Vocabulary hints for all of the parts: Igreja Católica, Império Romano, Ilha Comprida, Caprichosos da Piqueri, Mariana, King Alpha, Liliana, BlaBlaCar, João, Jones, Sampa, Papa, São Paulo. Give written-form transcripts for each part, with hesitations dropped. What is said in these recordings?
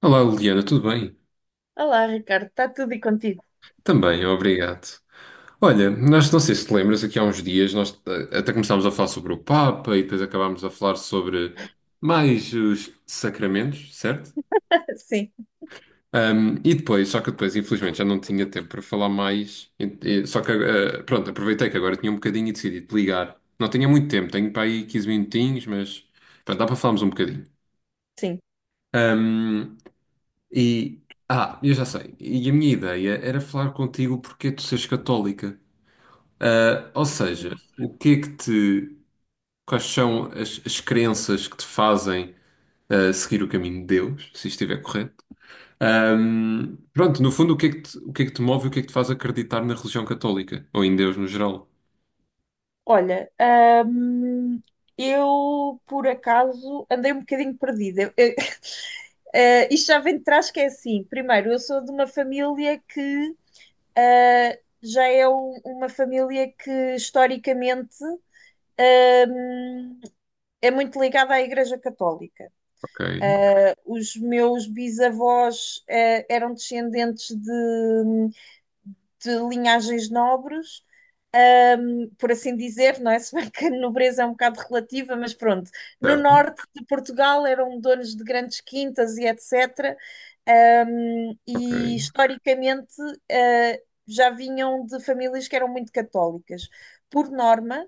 Olá, Liliana, tudo bem? Olá, Ricardo, está tudo e contigo? Também, obrigado. Olha, nós não sei se te lembras, aqui há uns dias nós até começámos a falar sobre o Papa e depois acabámos a falar sobre mais os sacramentos, certo? Sim, E depois, só que depois, infelizmente, já não tinha tempo para falar mais. Só que, pronto, aproveitei que agora tinha um bocadinho e decidi te ligar. Não tinha muito tempo, tenho para aí 15 minutinhos, mas pronto, dá para falarmos um bocadinho. sim. Ahm, e, eu já sei. E a minha ideia era falar contigo porque tu seres católica. Ah, ou seja, o que é que te. Quais são as, as crenças que te fazem seguir o caminho de Deus, se estiver correto? Pronto, no fundo, o que é que te move e o que é que te faz acreditar na religião católica? Ou em Deus no geral? Olha, hum, eu por acaso andei um bocadinho perdida. Isto já vem de trás que é assim. Primeiro, eu sou de uma família que já é uma família que historicamente hum, é muito ligada à Igreja Católica. Ok, Os meus bisavós eram descendentes de linhagens nobres, por assim dizer, não é? Se bem que a nobreza é um bocado relativa, mas pronto. No certo, norte de Portugal eram donos de grandes quintas e etc. Ok, E historicamente já vinham de famílias que eram muito católicas. Por norma,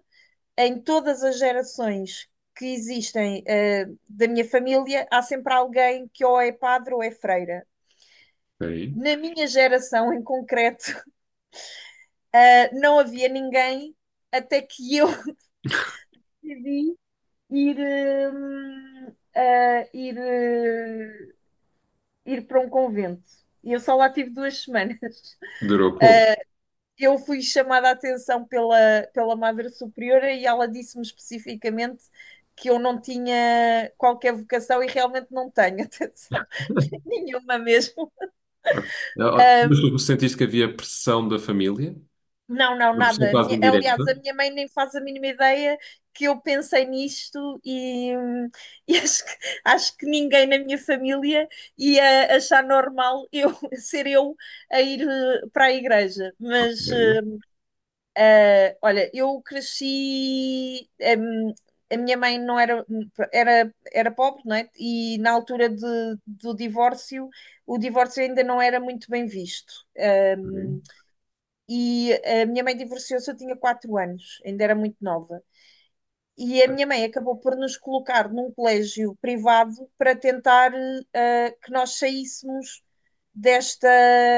em todas as gerações que existem da minha família, há sempre alguém que ou é padre ou é freira. ok. Na minha geração em concreto, não havia ninguém até que eu decidi ir, hum, uh, ir, uh, ir para um convento. E eu só lá tive 2 semanas. Durou pouco. Eu fui chamada a atenção pela Madre Superiora e ela disse-me especificamente que eu não tinha qualquer vocação e realmente não tenho, atenção, nenhuma mesmo. Ah, Ah, mas tu sentiste que havia pressão da família? não, não, Uma pressão nada. Quase indireta? Aliás, a minha mãe nem faz a mínima ideia que eu pensei nisto e, e acho que ninguém na minha família ia achar normal eu ser eu a ir para a igreja. Mas Ok, olha, eu cresci. hum, a minha mãe não era, era, era pobre, não é? E na altura do divórcio, o divórcio ainda não era muito bem visto. ok. E a minha mãe divorciou-se, eu tinha 4 anos, ainda era muito nova. E a minha mãe acabou por nos colocar num colégio privado para tentar que nós saíssemos desta.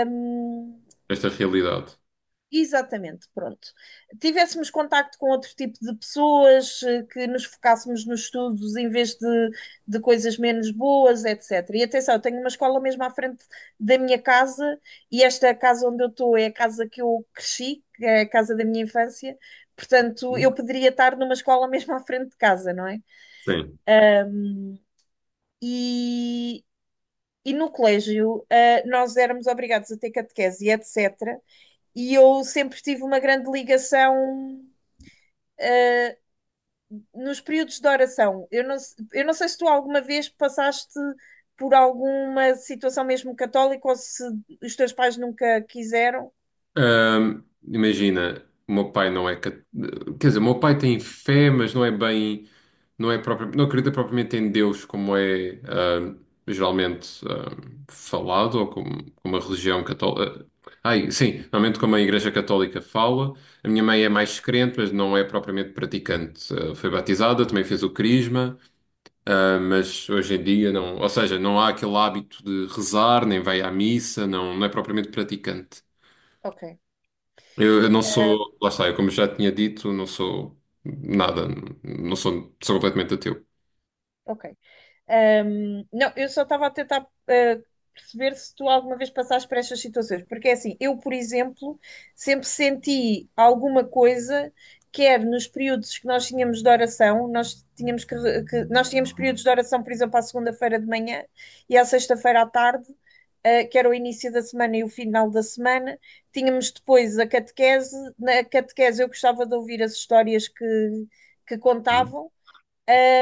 hum, Esta realidade. Exatamente, pronto. Tivéssemos contacto com outro tipo de pessoas, que nos focássemos nos estudos em vez de coisas menos boas, etc. E atenção, eu tenho uma escola mesmo à frente da minha casa, e esta casa onde eu estou é a casa que eu cresci, que é a casa da minha infância, portanto, eu poderia estar numa escola mesmo à frente de casa, não é? Sim. E, e no colégio, nós éramos obrigados a ter catequese e etc. E eu sempre tive uma grande ligação nos períodos de oração, eu não sei se tu alguma vez passaste por alguma situação mesmo católica ou se os teus pais nunca quiseram. Imagina, o meu pai não é. Cat- quer dizer, o meu pai tem fé, mas não é bem. Não é próprio, não acredita propriamente em Deus, como é geralmente, falado, ou como, como a religião católica. Ai, sim, normalmente como a Igreja Católica fala. A minha mãe é mais Ok, crente, mas não é propriamente praticante. Ah, foi batizada, também fez o crisma, ah, mas hoje em dia não. Ou seja, não há aquele hábito de rezar, nem vai à missa, não, não é propriamente praticante. ok. Eu não Ah, sou, lá está, eu como já tinha dito, não sou nada, não sou, sou completamente ateu. ok. Não, eu só estava a tentar ah, perceber se tu alguma vez passaste por estas situações, porque é assim, eu, por exemplo, sempre senti alguma coisa, quer nos períodos que nós tínhamos de oração, nós tínhamos que, re- que- nós tínhamos períodos de oração, por exemplo, à segunda-feira de manhã e à sexta-feira à tarde, que era o início da semana e o final da semana. Tínhamos depois a catequese. Na catequese eu gostava de ouvir as histórias que Hum. contavam.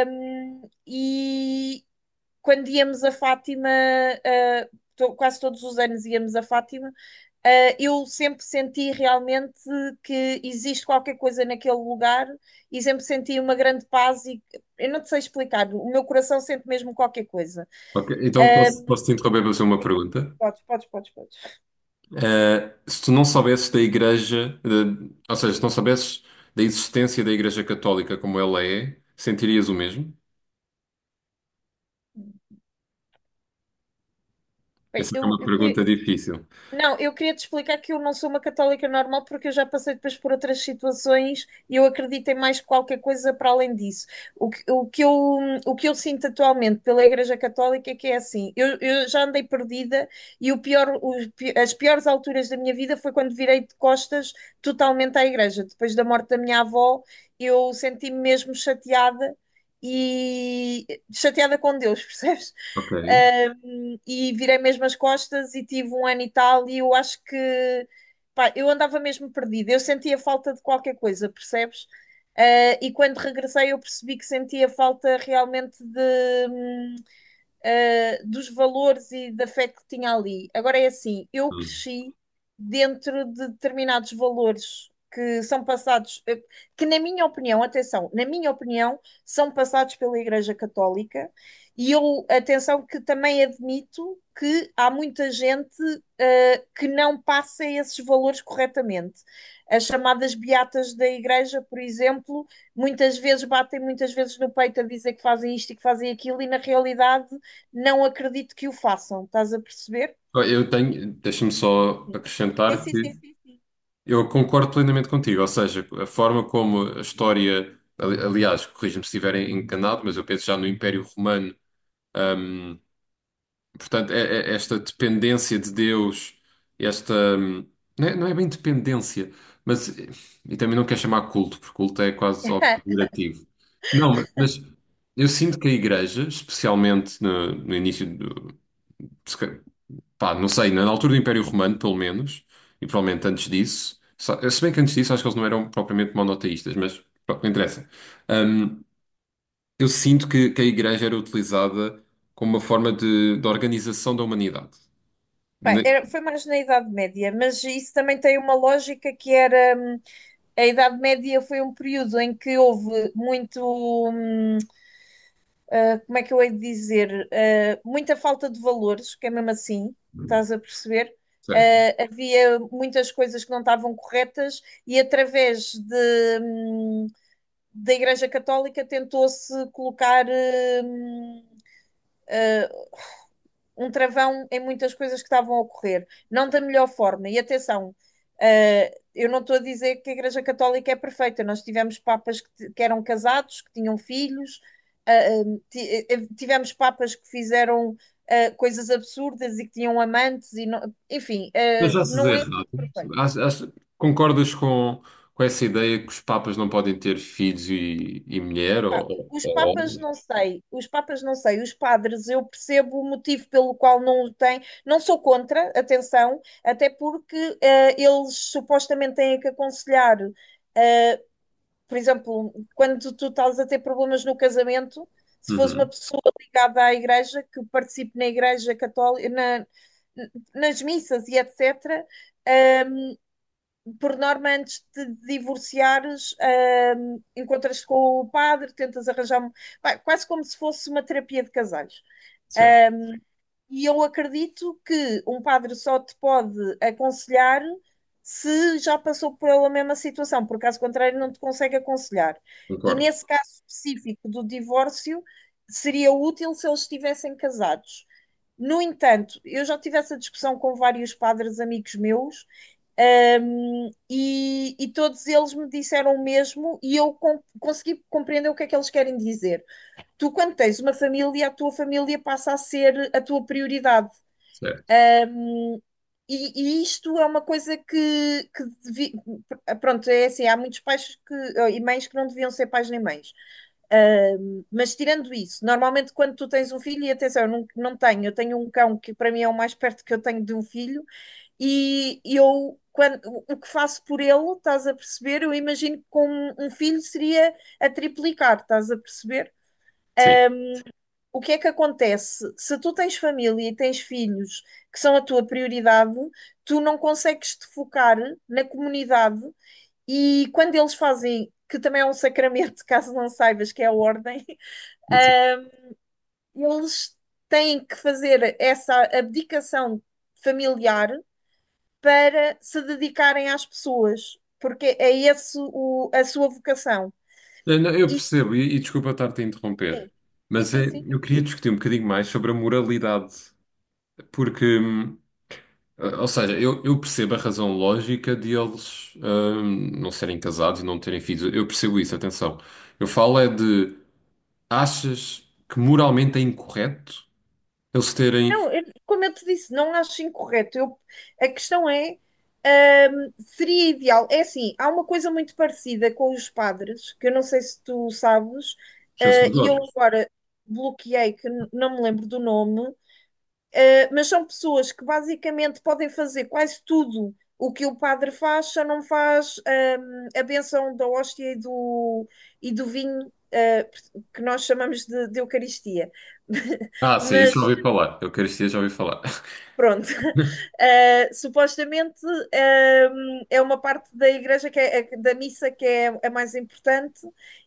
E, quando íamos a Fátima, quase todos os anos íamos a Fátima, eu sempre senti realmente que existe qualquer coisa naquele lugar e sempre senti uma grande paz e eu não te sei explicar, o meu coração sente mesmo qualquer coisa. Ok, então posso te interromper para fazer uma pergunta? Podes, podes, podes, podes. Eh, se tu não soubesses da Igreja, de- ou seja, se não soubesses da existência da Igreja Católica como ela é, sentirias o mesmo? Bem, Essa é eu, uma eu queria, pergunta difícil. não, eu queria te explicar que eu não sou uma católica normal porque eu já passei depois por outras situações e eu acredito em mais qualquer coisa para além disso. O que, o que eu, o que eu sinto atualmente pela Igreja Católica é que é assim, eu já andei perdida e o pior, os pi- as piores alturas da minha vida foi quando virei de costas totalmente à Igreja. Depois da morte da minha avó, eu senti-me mesmo chateada e chateada com Deus, percebes? Ok. E virei mesmo as costas e tive um ano e tal, e eu acho que pá, eu andava mesmo perdida, eu sentia falta de qualquer coisa, percebes? E quando regressei eu percebi que sentia falta realmente hum, dos valores e da fé que tinha ali. Agora é assim, eu Hum. cresci dentro de determinados valores que são passados, que na minha opinião, atenção, na minha opinião, são passados pela Igreja Católica, e eu, atenção, que também admito que há muita gente que não passa esses valores corretamente. As chamadas beatas da Igreja, por exemplo, muitas vezes batem muitas vezes no peito a dizer que fazem isto e que fazem aquilo, e na realidade não acredito que o façam, estás a perceber? Eu tenho, deixa-me só Sim. Sim, acrescentar sim, que sim, sim. eu concordo plenamente contigo, ou seja, a forma como a história, ali- aliás, corrija-me se estiver enganado, mas eu penso já no Império Romano, hum, portanto, é- é- esta dependência de Deus, esta, não é, não é bem dependência, mas, e também não quero chamar culto, porque culto é quase algo pejorativo. Não, mas eu sinto que a Igreja, especialmente no, no início do, pá, não sei, na altura do Império Romano, pelo menos, e provavelmente antes disso, só- se bem que antes disso acho que eles não eram propriamente monoteístas, mas pronto, não interessa. Hum, eu sinto que a igreja era utilizada como uma forma de organização da humanidade. Pá, Ne- foi mais na Idade Média, mas isso também tem uma lógica que era, a Idade Média foi um período em que houve muito, hum, como é que eu hei de dizer, muita falta de valores, que é mesmo assim, estás a perceber? certo. Havia muitas coisas que não estavam corretas e através hum, da Igreja Católica tentou-se colocar, hum, um travão em muitas coisas que estavam a ocorrer, não da melhor forma. E atenção, eu não estou a dizer que a Igreja Católica é perfeita, nós tivemos papas que eram casados, que tinham filhos, tivemos papas que fizeram coisas absurdas e que tinham amantes, e não, enfim, Mas já se diz não é errado. tudo perfeito. Acho- acho- concordas com essa ideia que os papas não podem ter filhos e mulher Pá, ou, os ou papas homem? não sei, os papas não sei, os padres eu percebo o motivo pelo qual não o têm, não sou contra, atenção, até porque eles supostamente têm que aconselhar, eh, por exemplo, quando tu estás a ter problemas no casamento, se fosse uma Uhum, pessoa ligada à igreja, que participe na igreja católica, nas missas e etc., por norma, antes de divorciares, encontras-te com o padre, tentas arranjar. Pá, quase como se fosse uma terapia de casais. certo, Ah, e eu acredito que um padre só te pode aconselhar se já passou pela mesma situação, por caso contrário, não te consegue aconselhar. E concordo. nesse caso específico do divórcio, seria útil se eles estivessem casados. No entanto, eu já tive essa discussão com vários padres amigos meus e todos eles me disseram o mesmo e eu consegui compreender o que é que eles querem dizer. Tu, quando tens uma família, a tua família passa a ser a tua prioridade. Certo, E isto é uma coisa que pronto, é assim, há muitos pais que, e mães que não deviam ser pais nem mães. Mas tirando isso, normalmente quando tu tens um filho, e atenção, eu não, não tenho, eu tenho um cão que para mim é o mais perto que eu tenho de um filho, e o que faço por ele, estás a perceber? Eu imagino que com um filho seria a triplicar, estás a perceber? sim. O que é que acontece? Se tu tens família e tens filhos que são a tua prioridade, tu não consegues te focar na comunidade e quando eles fazem, que também é um sacramento, caso não saibas que é a ordem, uh, eles têm que fazer essa abdicação familiar para se dedicarem às pessoas, porque é esse a sua vocação. Não, não, eu Isso percebo, e desculpa estar-te a interromper, sim. Sim, mas sim, é, sim. eu queria discutir um bocadinho mais sobre a moralidade, porque, ou seja, eu percebo a razão lógica de eles não serem casados e não terem filhos, eu percebo isso, atenção. Eu falo é de, achas que moralmente é incorreto eles terem Não, como eu te disse, não acho incorreto. A questão é, seria ideal. É assim, há uma coisa muito parecida com os padres, que eu não sei se tu sabes, e eu sacerdotes? agora bloqueei, que não me lembro do nome, mas são pessoas que basicamente podem fazer quase tudo o que o padre faz, só não faz a bênção da hóstia e do vinho, que nós chamamos de Eucaristia. Ah, sim, isso já mas ouvi falar, eu queria já ouvi falar. pronto. Supostamente, eh, é uma parte da igreja que da missa que é a mais importante,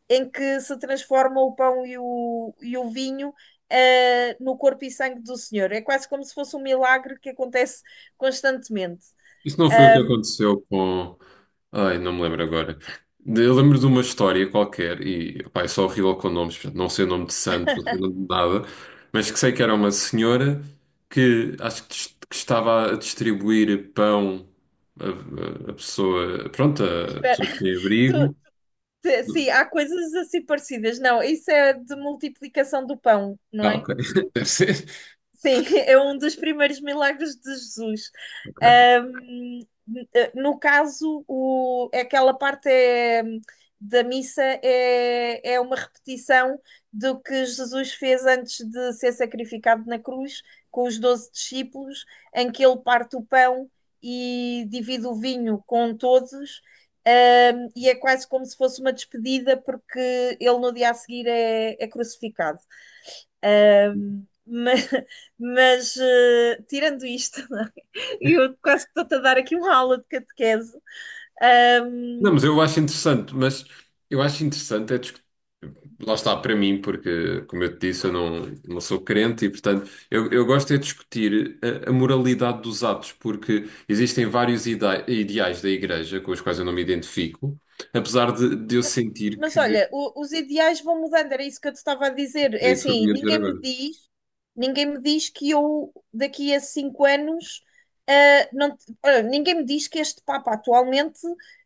em que se transforma o pão e o vinho, no corpo e sangue do Senhor. É quase como se fosse um milagre que acontece constantemente. Isso não foi o que Ehm, aconteceu com. Ai, não me lembro agora. De- eu lembro de uma história qualquer, e pá, eu sou horrível com nomes, portanto, não sei o nome de santos, não sei o nome de nada, mas que sei que era uma senhora que acho que, dis- que estava a distribuir pão a, a pessoa, pronto, a Espera, pessoa que tinha tu- abrigo. Sim, há coisas assim parecidas. Não, isso é de multiplicação do pão, não Ah, é? ok, deve ser. Sim, é um dos primeiros milagres de Jesus. Ok. Ahm, no caso, aquela parte é, da missa é uma repetição do que Jesus fez antes de ser sacrificado na cruz, com os 12 discípulos, em que ele parte o pão e divide o vinho com todos. E é quase como se fosse uma despedida, porque ele no dia a seguir é crucificado. Mas, mas, tirando isto, eu quase que estou-te a dar aqui uma aula de catequese. Não, Ahm, mas eu acho interessante, mas eu acho interessante é discutir. Lá está para mim, porque, como eu te disse, eu não, não sou crente e, portanto, eu gosto é de discutir a moralidade dos atos, porque existem vários ida- ideais da Igreja com os quais eu não me identifico, apesar de eu sentir Mas que. olha, os ideais vão mudando, era isso que eu te estava a dizer. É É isso que eu assim, vinha dizer agora. Ninguém me diz que eu daqui a 5 anos, não, olha, ninguém me diz que este Papa atualmente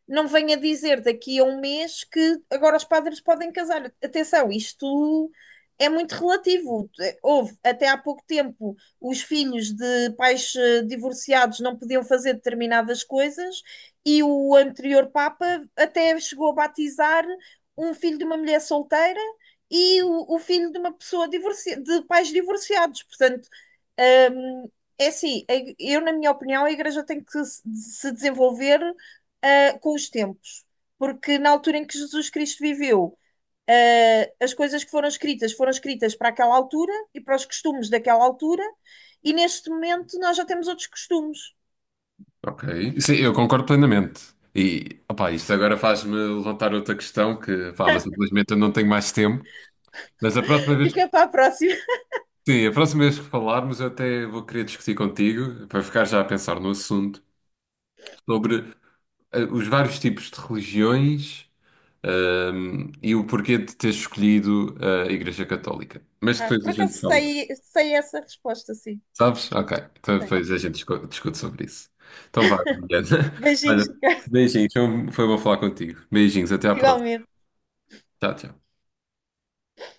não venha dizer daqui a um mês que agora os padres podem casar. Atenção, isto é muito relativo. Houve até há pouco tempo os filhos de pais divorciados não podiam fazer determinadas coisas e o anterior Papa até chegou a batizar um filho de uma mulher solteira e o filho de uma pessoa de pais divorciados. Portanto, hum, é assim, eu, na minha opinião, a Igreja tem que se desenvolver, com os tempos, porque na altura em que Jesus Cristo viveu, as coisas que foram escritas para aquela altura e para os costumes daquela altura. E neste momento nós já temos outros costumes. Ok. Sim, eu concordo plenamente. E, opá, isto agora faz-me levantar outra questão que, pá, mas infelizmente eu não tenho mais tempo. Mas a próxima vez. Fica para a próxima. Sim, a próxima vez que falarmos, eu até vou querer discutir contigo, para ficar já a pensar no assunto, sobre os vários tipos de religiões, e o porquê de teres escolhido a Igreja Católica. Mas Ah, depois a por acaso gente fala. sei essa resposta, sim. Sabes? Ok. Então depois Sei. a gente discu- discute sobre isso. Então vá, Mariana. Beijinhos, Olha, Ricardo, beijinhos. Foi um, foi bom falar contigo. Beijinhos. Até à próxima. igualmente. Tchau, tchau.